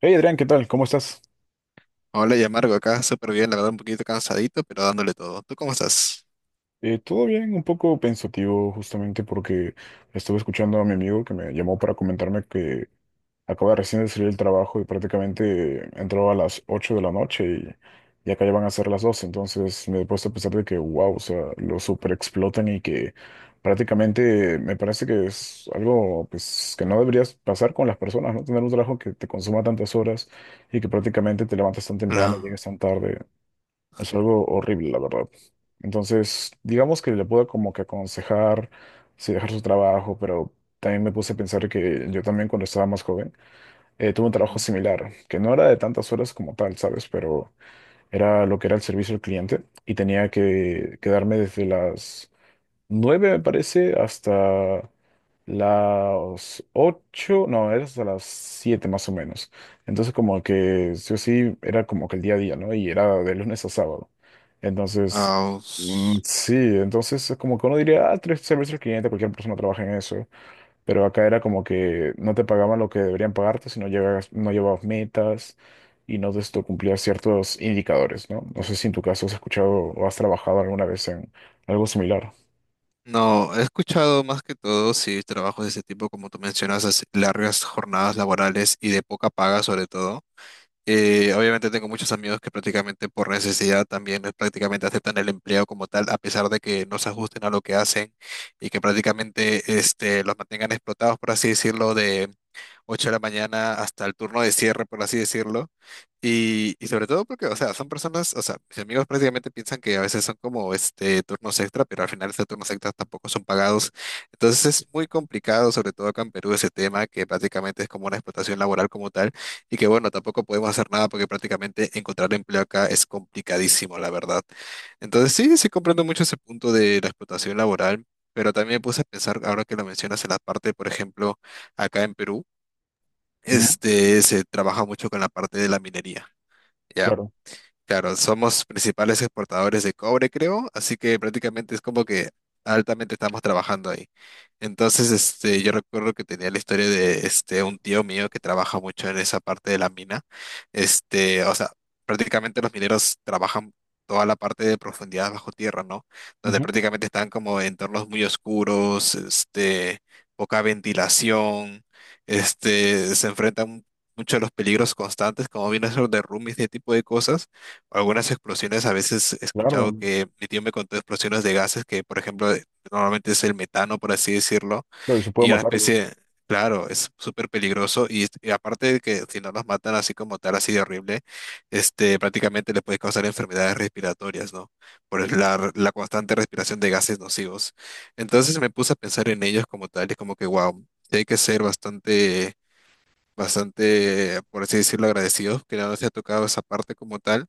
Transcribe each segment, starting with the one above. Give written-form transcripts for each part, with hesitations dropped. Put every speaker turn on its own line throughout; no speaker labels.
Hey Adrián, ¿qué tal? ¿Cómo estás?
Hola, ya Marco, acá súper bien, la verdad un poquito cansadito, pero dándole todo. ¿Tú cómo estás?
Todo bien, un poco pensativo justamente porque estuve escuchando a mi amigo que me llamó para comentarme que acaba recién de salir del trabajo y prácticamente entró a las 8 de la noche y acá ya van a ser las 12. Entonces me he puesto a pensar de que, wow, o sea, lo super explotan y que prácticamente me parece que es algo, pues, que no deberías pasar con las personas, ¿no? Tener un trabajo que te consuma tantas horas y que prácticamente te levantas tan temprano,
No.
llegues tan tarde. Es algo horrible, la verdad. Entonces, digamos que le puedo como que aconsejar si dejar su trabajo, pero también me puse a pensar que yo también cuando estaba más joven tuve un trabajo
Ujú.
similar, que no era de tantas horas como tal, ¿sabes? Pero era lo que era el servicio al cliente y tenía que quedarme desde las 9, me parece, hasta las 8, no, era hasta las 7 más o menos. Entonces como que sí o sí era como que el día a día, ¿no? Y era de lunes a sábado. Entonces,
Ah,
mm,
us-
sí, entonces es como que uno diría, ah, tres servicios al cliente, cualquier persona trabaja en eso. Pero acá era como que no te pagaban lo que deberían pagarte si no llegas, no llevabas metas y no esto cumplías ciertos indicadores, ¿no? No sé si en tu caso has escuchado o has trabajado alguna vez en algo similar.
no, he escuchado más que todo, sí, trabajos de ese tipo, como tú mencionas, así, largas jornadas laborales y de poca paga sobre todo. Obviamente tengo muchos amigos que prácticamente por necesidad también prácticamente aceptan el empleo como tal, a pesar de que no se ajusten a lo que hacen y que prácticamente este, los mantengan explotados, por así decirlo, de 8 de la mañana hasta el turno de cierre, por así decirlo. Y sobre todo porque, o sea, son personas, o sea, mis amigos prácticamente piensan que a veces son como este turnos extra, pero al final esos turnos extra tampoco son pagados. Entonces es muy complicado, sobre todo acá en Perú, ese tema que prácticamente es como una explotación laboral como tal. Y que bueno, tampoco podemos hacer nada porque prácticamente encontrar empleo acá es complicadísimo, la verdad. Entonces sí, sí comprendo mucho ese punto de la explotación laboral, pero también me puse a pensar, ahora que lo mencionas en la parte, por ejemplo, acá en Perú, este, se trabaja mucho con la parte de la minería, ¿ya?
Claro.
Claro, somos principales exportadores de cobre, creo, así que prácticamente es como que altamente estamos trabajando ahí. Entonces, este, yo recuerdo que tenía la historia de este un tío mío que trabaja mucho en esa parte de la mina. Este, o sea, prácticamente los mineros trabajan toda la parte de profundidad bajo tierra, ¿no? Donde
Ujú.
prácticamente están como en entornos muy oscuros, este, poca ventilación, este, se enfrentan mucho a los peligros constantes, como viene a ser derrumbes y ese tipo de cosas, algunas explosiones, a veces he
Claro,
escuchado que mi tío me contó explosiones de gases que, por ejemplo, normalmente es el metano, por así decirlo,
claro, y se puede
y una
matarlos.
especie, claro, es súper peligroso y aparte de que si no nos matan así como tal, así de horrible, este, prácticamente le puede causar enfermedades respiratorias, ¿no? La constante respiración de gases nocivos. Entonces me puse a pensar en ellos como tal y es como que, wow, hay que ser bastante... bastante, por así decirlo, agradecidos que no nos haya tocado esa parte como tal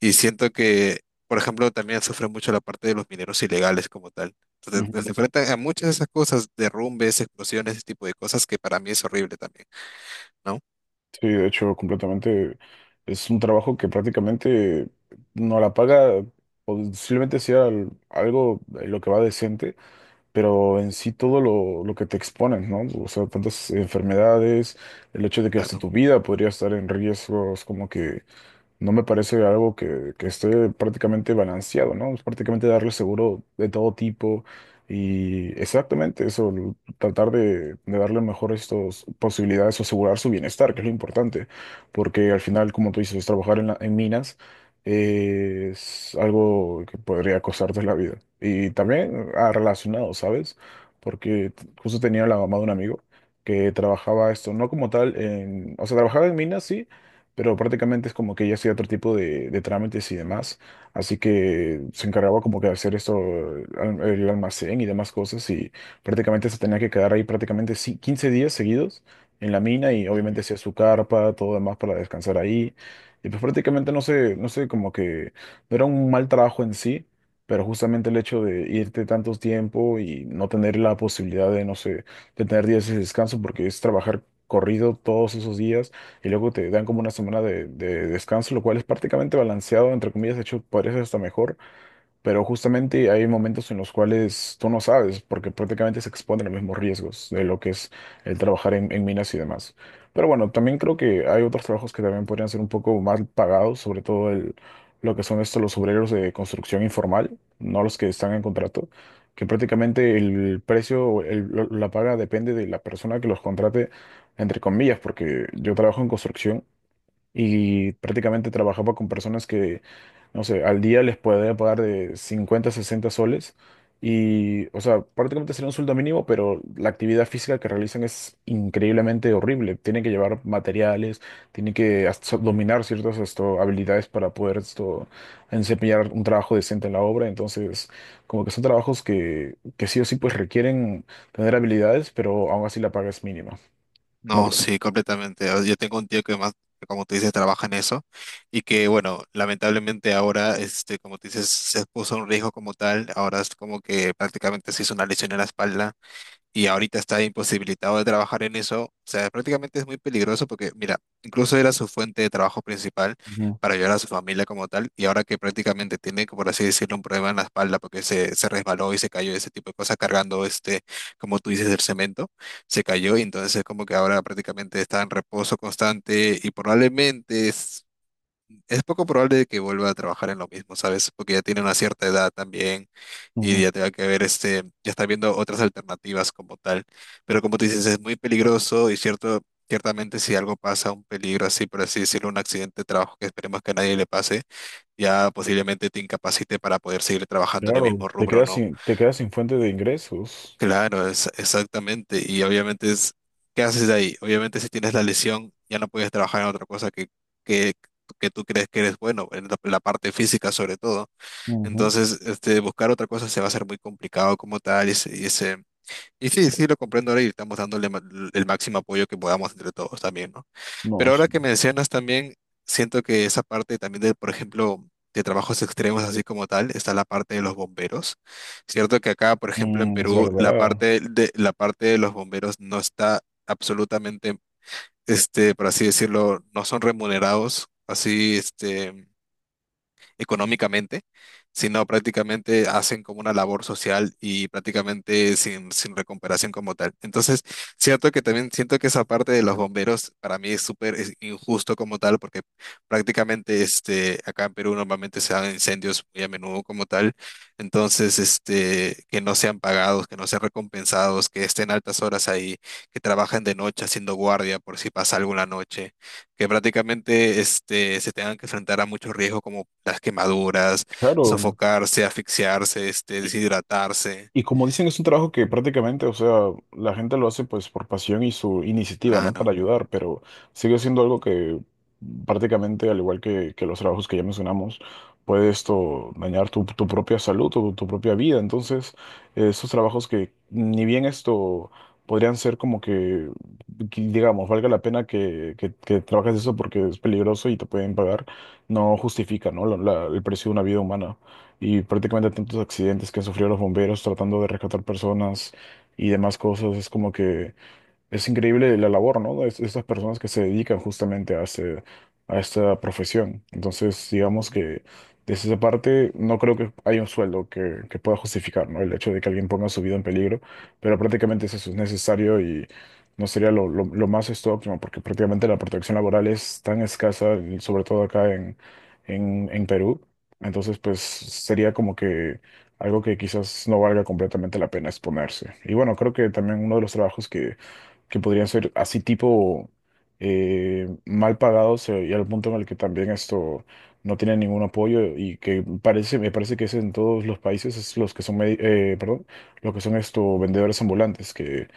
y siento que, por ejemplo, también sufre mucho la parte de los mineros ilegales como tal.
Ujú.
Entonces, se enfrentan a muchas de esas cosas, derrumbes, explosiones, ese tipo de cosas que para mí es horrible también, ¿no?
Sí, de hecho, completamente es un trabajo que prácticamente no la paga, posiblemente sea algo en lo que va decente, pero en sí todo lo que te exponen, ¿no? O sea, tantas enfermedades, el hecho de que hasta
Claro.
tu vida podría estar en riesgos, como que no me parece algo que, esté prácticamente balanceado, ¿no? Es prácticamente darle seguro de todo tipo y exactamente eso, tratar de darle mejor estas posibilidades o asegurar su bienestar, que es lo importante, porque al final, como tú dices, trabajar en minas es algo que podría costarte la vida. Y también, ah, relacionado, ¿sabes? Porque justo tenía la mamá de un amigo que trabajaba esto, no como tal, o sea, trabajaba en minas, sí, pero prácticamente es como que ella hacía otro tipo de trámites y demás, así que se encargaba como que de hacer esto, el almacén y demás cosas, y prácticamente se tenía que quedar ahí prácticamente 15 días seguidos en la mina, y obviamente
Ujú.
hacía su carpa, todo demás para descansar ahí, y pues prácticamente, no sé, no sé, como que no era un mal trabajo en sí. Pero justamente el hecho de irte tanto tiempo y no tener la posibilidad de, no sé, de tener días de descanso, porque es trabajar corrido todos esos días y luego te dan como una semana de descanso, lo cual es prácticamente balanceado, entre comillas; de hecho, parece hasta mejor. Pero justamente hay momentos en los cuales tú no sabes, porque prácticamente se exponen a los mismos riesgos de lo que es el trabajar en minas y demás. Pero bueno, también creo que hay otros trabajos que también podrían ser un poco más pagados, sobre todo lo que son estos los obreros de construcción informal, no los que están en contrato, que prácticamente el precio, o la paga, depende de la persona que los contrate, entre comillas, porque yo trabajo en construcción y prácticamente trabajaba con personas que, no sé, al día les podía pagar de 50, 60 soles, y, o sea, prácticamente sería un sueldo mínimo, pero la actividad física que realizan es increíblemente horrible. Tienen que llevar materiales, tienen que hasta dominar ciertas, esto, habilidades para poder, esto, desempeñar un trabajo decente en la obra. Entonces, como que son trabajos que, sí o sí pues requieren tener habilidades, pero aún así la paga es mínima. ¿No
No,
crees?
sí, completamente. Ah, yo tengo un tío que más, como tú dices, trabaja en eso y que, bueno, lamentablemente ahora, este, como tú dices, se puso un riesgo como tal. Ahora es como que prácticamente se hizo una lesión en la espalda y ahorita está imposibilitado de trabajar en eso, o sea, prácticamente es muy peligroso porque, mira, incluso era su fuente de trabajo principal
Ujú,
para ayudar a su familia como tal, y ahora que prácticamente tiene, como por así decirlo, un problema en la espalda porque se resbaló y se cayó, ese tipo de cosas cargando este, como tú dices, el cemento, se cayó y entonces como que ahora prácticamente está en reposo constante y probablemente es... Es poco probable de que vuelva a trabajar en lo mismo, ¿sabes? Porque ya tiene una cierta edad también y ya
ujú.
te tenga que ver este, ya está viendo otras alternativas como tal. Pero como tú dices, es muy peligroso y cierto, ciertamente si algo pasa, un peligro así, por así decirlo, un accidente de trabajo que esperemos que a nadie le pase, ya posiblemente te incapacite para poder seguir trabajando en el mismo
Claro, te
rubro,
quedas
¿no?
sin fuente de ingresos.
Claro, es, exactamente. Y obviamente es, ¿qué haces de ahí? Obviamente si tienes la lesión, ya no puedes trabajar en otra cosa que, que tú crees que eres bueno, en la parte física sobre todo.
Ujú.
Entonces, este, buscar otra cosa se va a hacer muy complicado como tal. Y sí, sí, lo comprendo ahora y estamos el máximo apoyo que podamos entre todos también, ¿no?
No,
Pero ahora
sí.
que mencionas también, siento que esa parte también de, por ejemplo, de trabajos extremos así como tal, está la parte de los bomberos. Cierto que acá, por ejemplo, en
Mm, es
Perú,
verdad.
la parte de los bomberos no está absolutamente, este, por así decirlo, no son remunerados así, este, económicamente, sino prácticamente hacen como una labor social y prácticamente sin recuperación como tal. Entonces, cierto que también siento que esa parte de los bomberos para mí es súper, es injusto como tal, porque prácticamente este, acá en Perú normalmente se dan incendios muy a menudo como tal, entonces este, que no sean pagados, que no sean recompensados, que estén altas horas ahí, que trabajen de noche haciendo guardia por si pasa algo en la noche, que prácticamente este, se tengan que enfrentar a muchos riesgos como las quemaduras,
Claro.
sofocarse, asfixiarse, este, deshidratarse.
Y como dicen, es un trabajo que prácticamente, o sea, la gente lo hace pues por pasión y su iniciativa, ¿no? Para
Claro.
ayudar, pero sigue siendo algo que prácticamente, al igual que, los trabajos que ya mencionamos, puede, esto, dañar tu propia salud o tu propia vida. Entonces, esos trabajos, que ni bien esto podrían ser como que, digamos, valga la pena que trabajes eso porque es peligroso y te pueden pagar, no justifica, ¿no? El precio de una vida humana, y prácticamente tantos accidentes que han sufrido los bomberos tratando de rescatar personas y demás cosas, es como que es increíble la labor, ¿no? Estas personas que se dedican justamente a esta profesión. Entonces, digamos que desde esa parte no creo que haya un sueldo que, pueda justificar, ¿no? El hecho de que alguien ponga su vida en peligro, pero prácticamente es, eso es necesario, y no sería lo más, esto, óptimo, porque prácticamente la protección laboral es tan escasa, y sobre todo acá en Perú. Entonces, pues sería como que algo que quizás no valga completamente la pena exponerse. Y bueno, creo que también uno de los trabajos que podrían ser así tipo, mal pagados, y al punto en el que también esto no tiene ningún apoyo, y que me parece que es en todos los países, es los que son, perdón, los que son, esto, vendedores ambulantes, que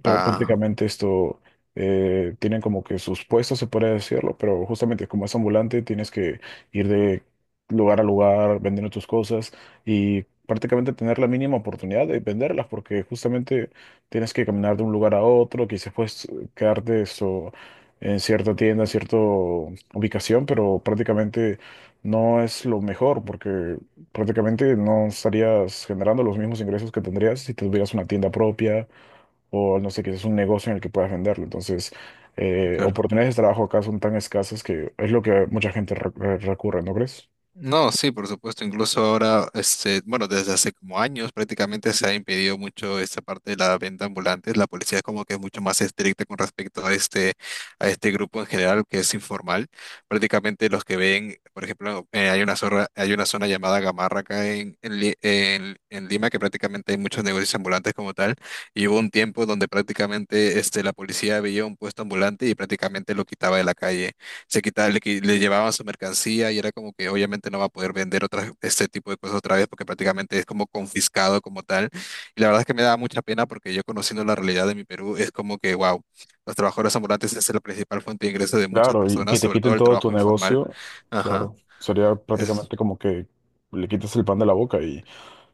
Ah,
prácticamente, esto, tienen como que sus puestos, se puede decirlo, pero justamente, como es ambulante, tienes que ir de lugar a lugar vendiendo tus cosas y prácticamente tener la mínima oportunidad de venderlas, porque justamente tienes que caminar de un lugar a otro, quizás puedes, quedarte, eso, en cierta tienda, cierta ubicación, pero prácticamente no es lo mejor porque prácticamente no estarías generando los mismos ingresos que tendrías si tuvieras una tienda propia o, no sé, quizás un negocio en el que puedas venderlo. Entonces,
claro.
oportunidades de trabajo acá son tan escasas que es lo que mucha gente recurre, ¿no crees?
No, sí, por supuesto. Incluso ahora, este, bueno, desde hace como años prácticamente se ha impedido mucho esta parte de la venta ambulante. La policía es como que es mucho más estricta con respecto a este grupo en general que es informal. Prácticamente los que ven, por ejemplo, hay una zona llamada Gamarra acá en Lima, que prácticamente hay muchos negocios ambulantes como tal. Y hubo un tiempo donde prácticamente este, la policía veía un puesto ambulante y prácticamente lo quitaba de la calle, se quitaba, le llevaban su mercancía y era como que obviamente no va a poder vender otras, este tipo de cosas otra vez porque prácticamente es como confiscado como tal. Y la verdad es que me da mucha pena porque yo conociendo la realidad de mi Perú es como que, wow, los trabajadores ambulantes es la principal fuente de ingreso de muchas
Claro, y que
personas,
te
sobre todo
quiten
el
todo tu
trabajo informal.
negocio,
Ajá,
claro, sería
es,
prácticamente como que le quitas el pan de la boca y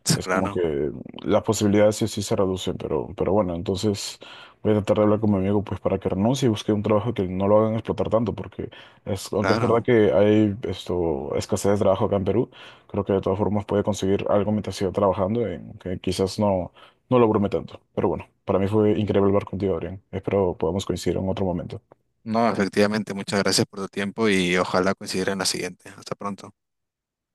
es
es como
claro,
que las posibilidades sí, sí se reducen, pero, bueno, entonces voy a tratar de hablar con mi amigo pues para que renuncie y busque un trabajo que no lo hagan explotar tanto, porque es, aunque es verdad
claro.
que hay, esto, escasez de trabajo acá en Perú, creo que de todas formas puede conseguir algo mientras siga trabajando, en que quizás no lo brome tanto. Pero bueno, para mí fue increíble hablar contigo, Adrián. Espero podamos coincidir en otro momento.
No, efectivamente, muchas gracias por tu tiempo y ojalá coincidiera en la siguiente. Hasta pronto.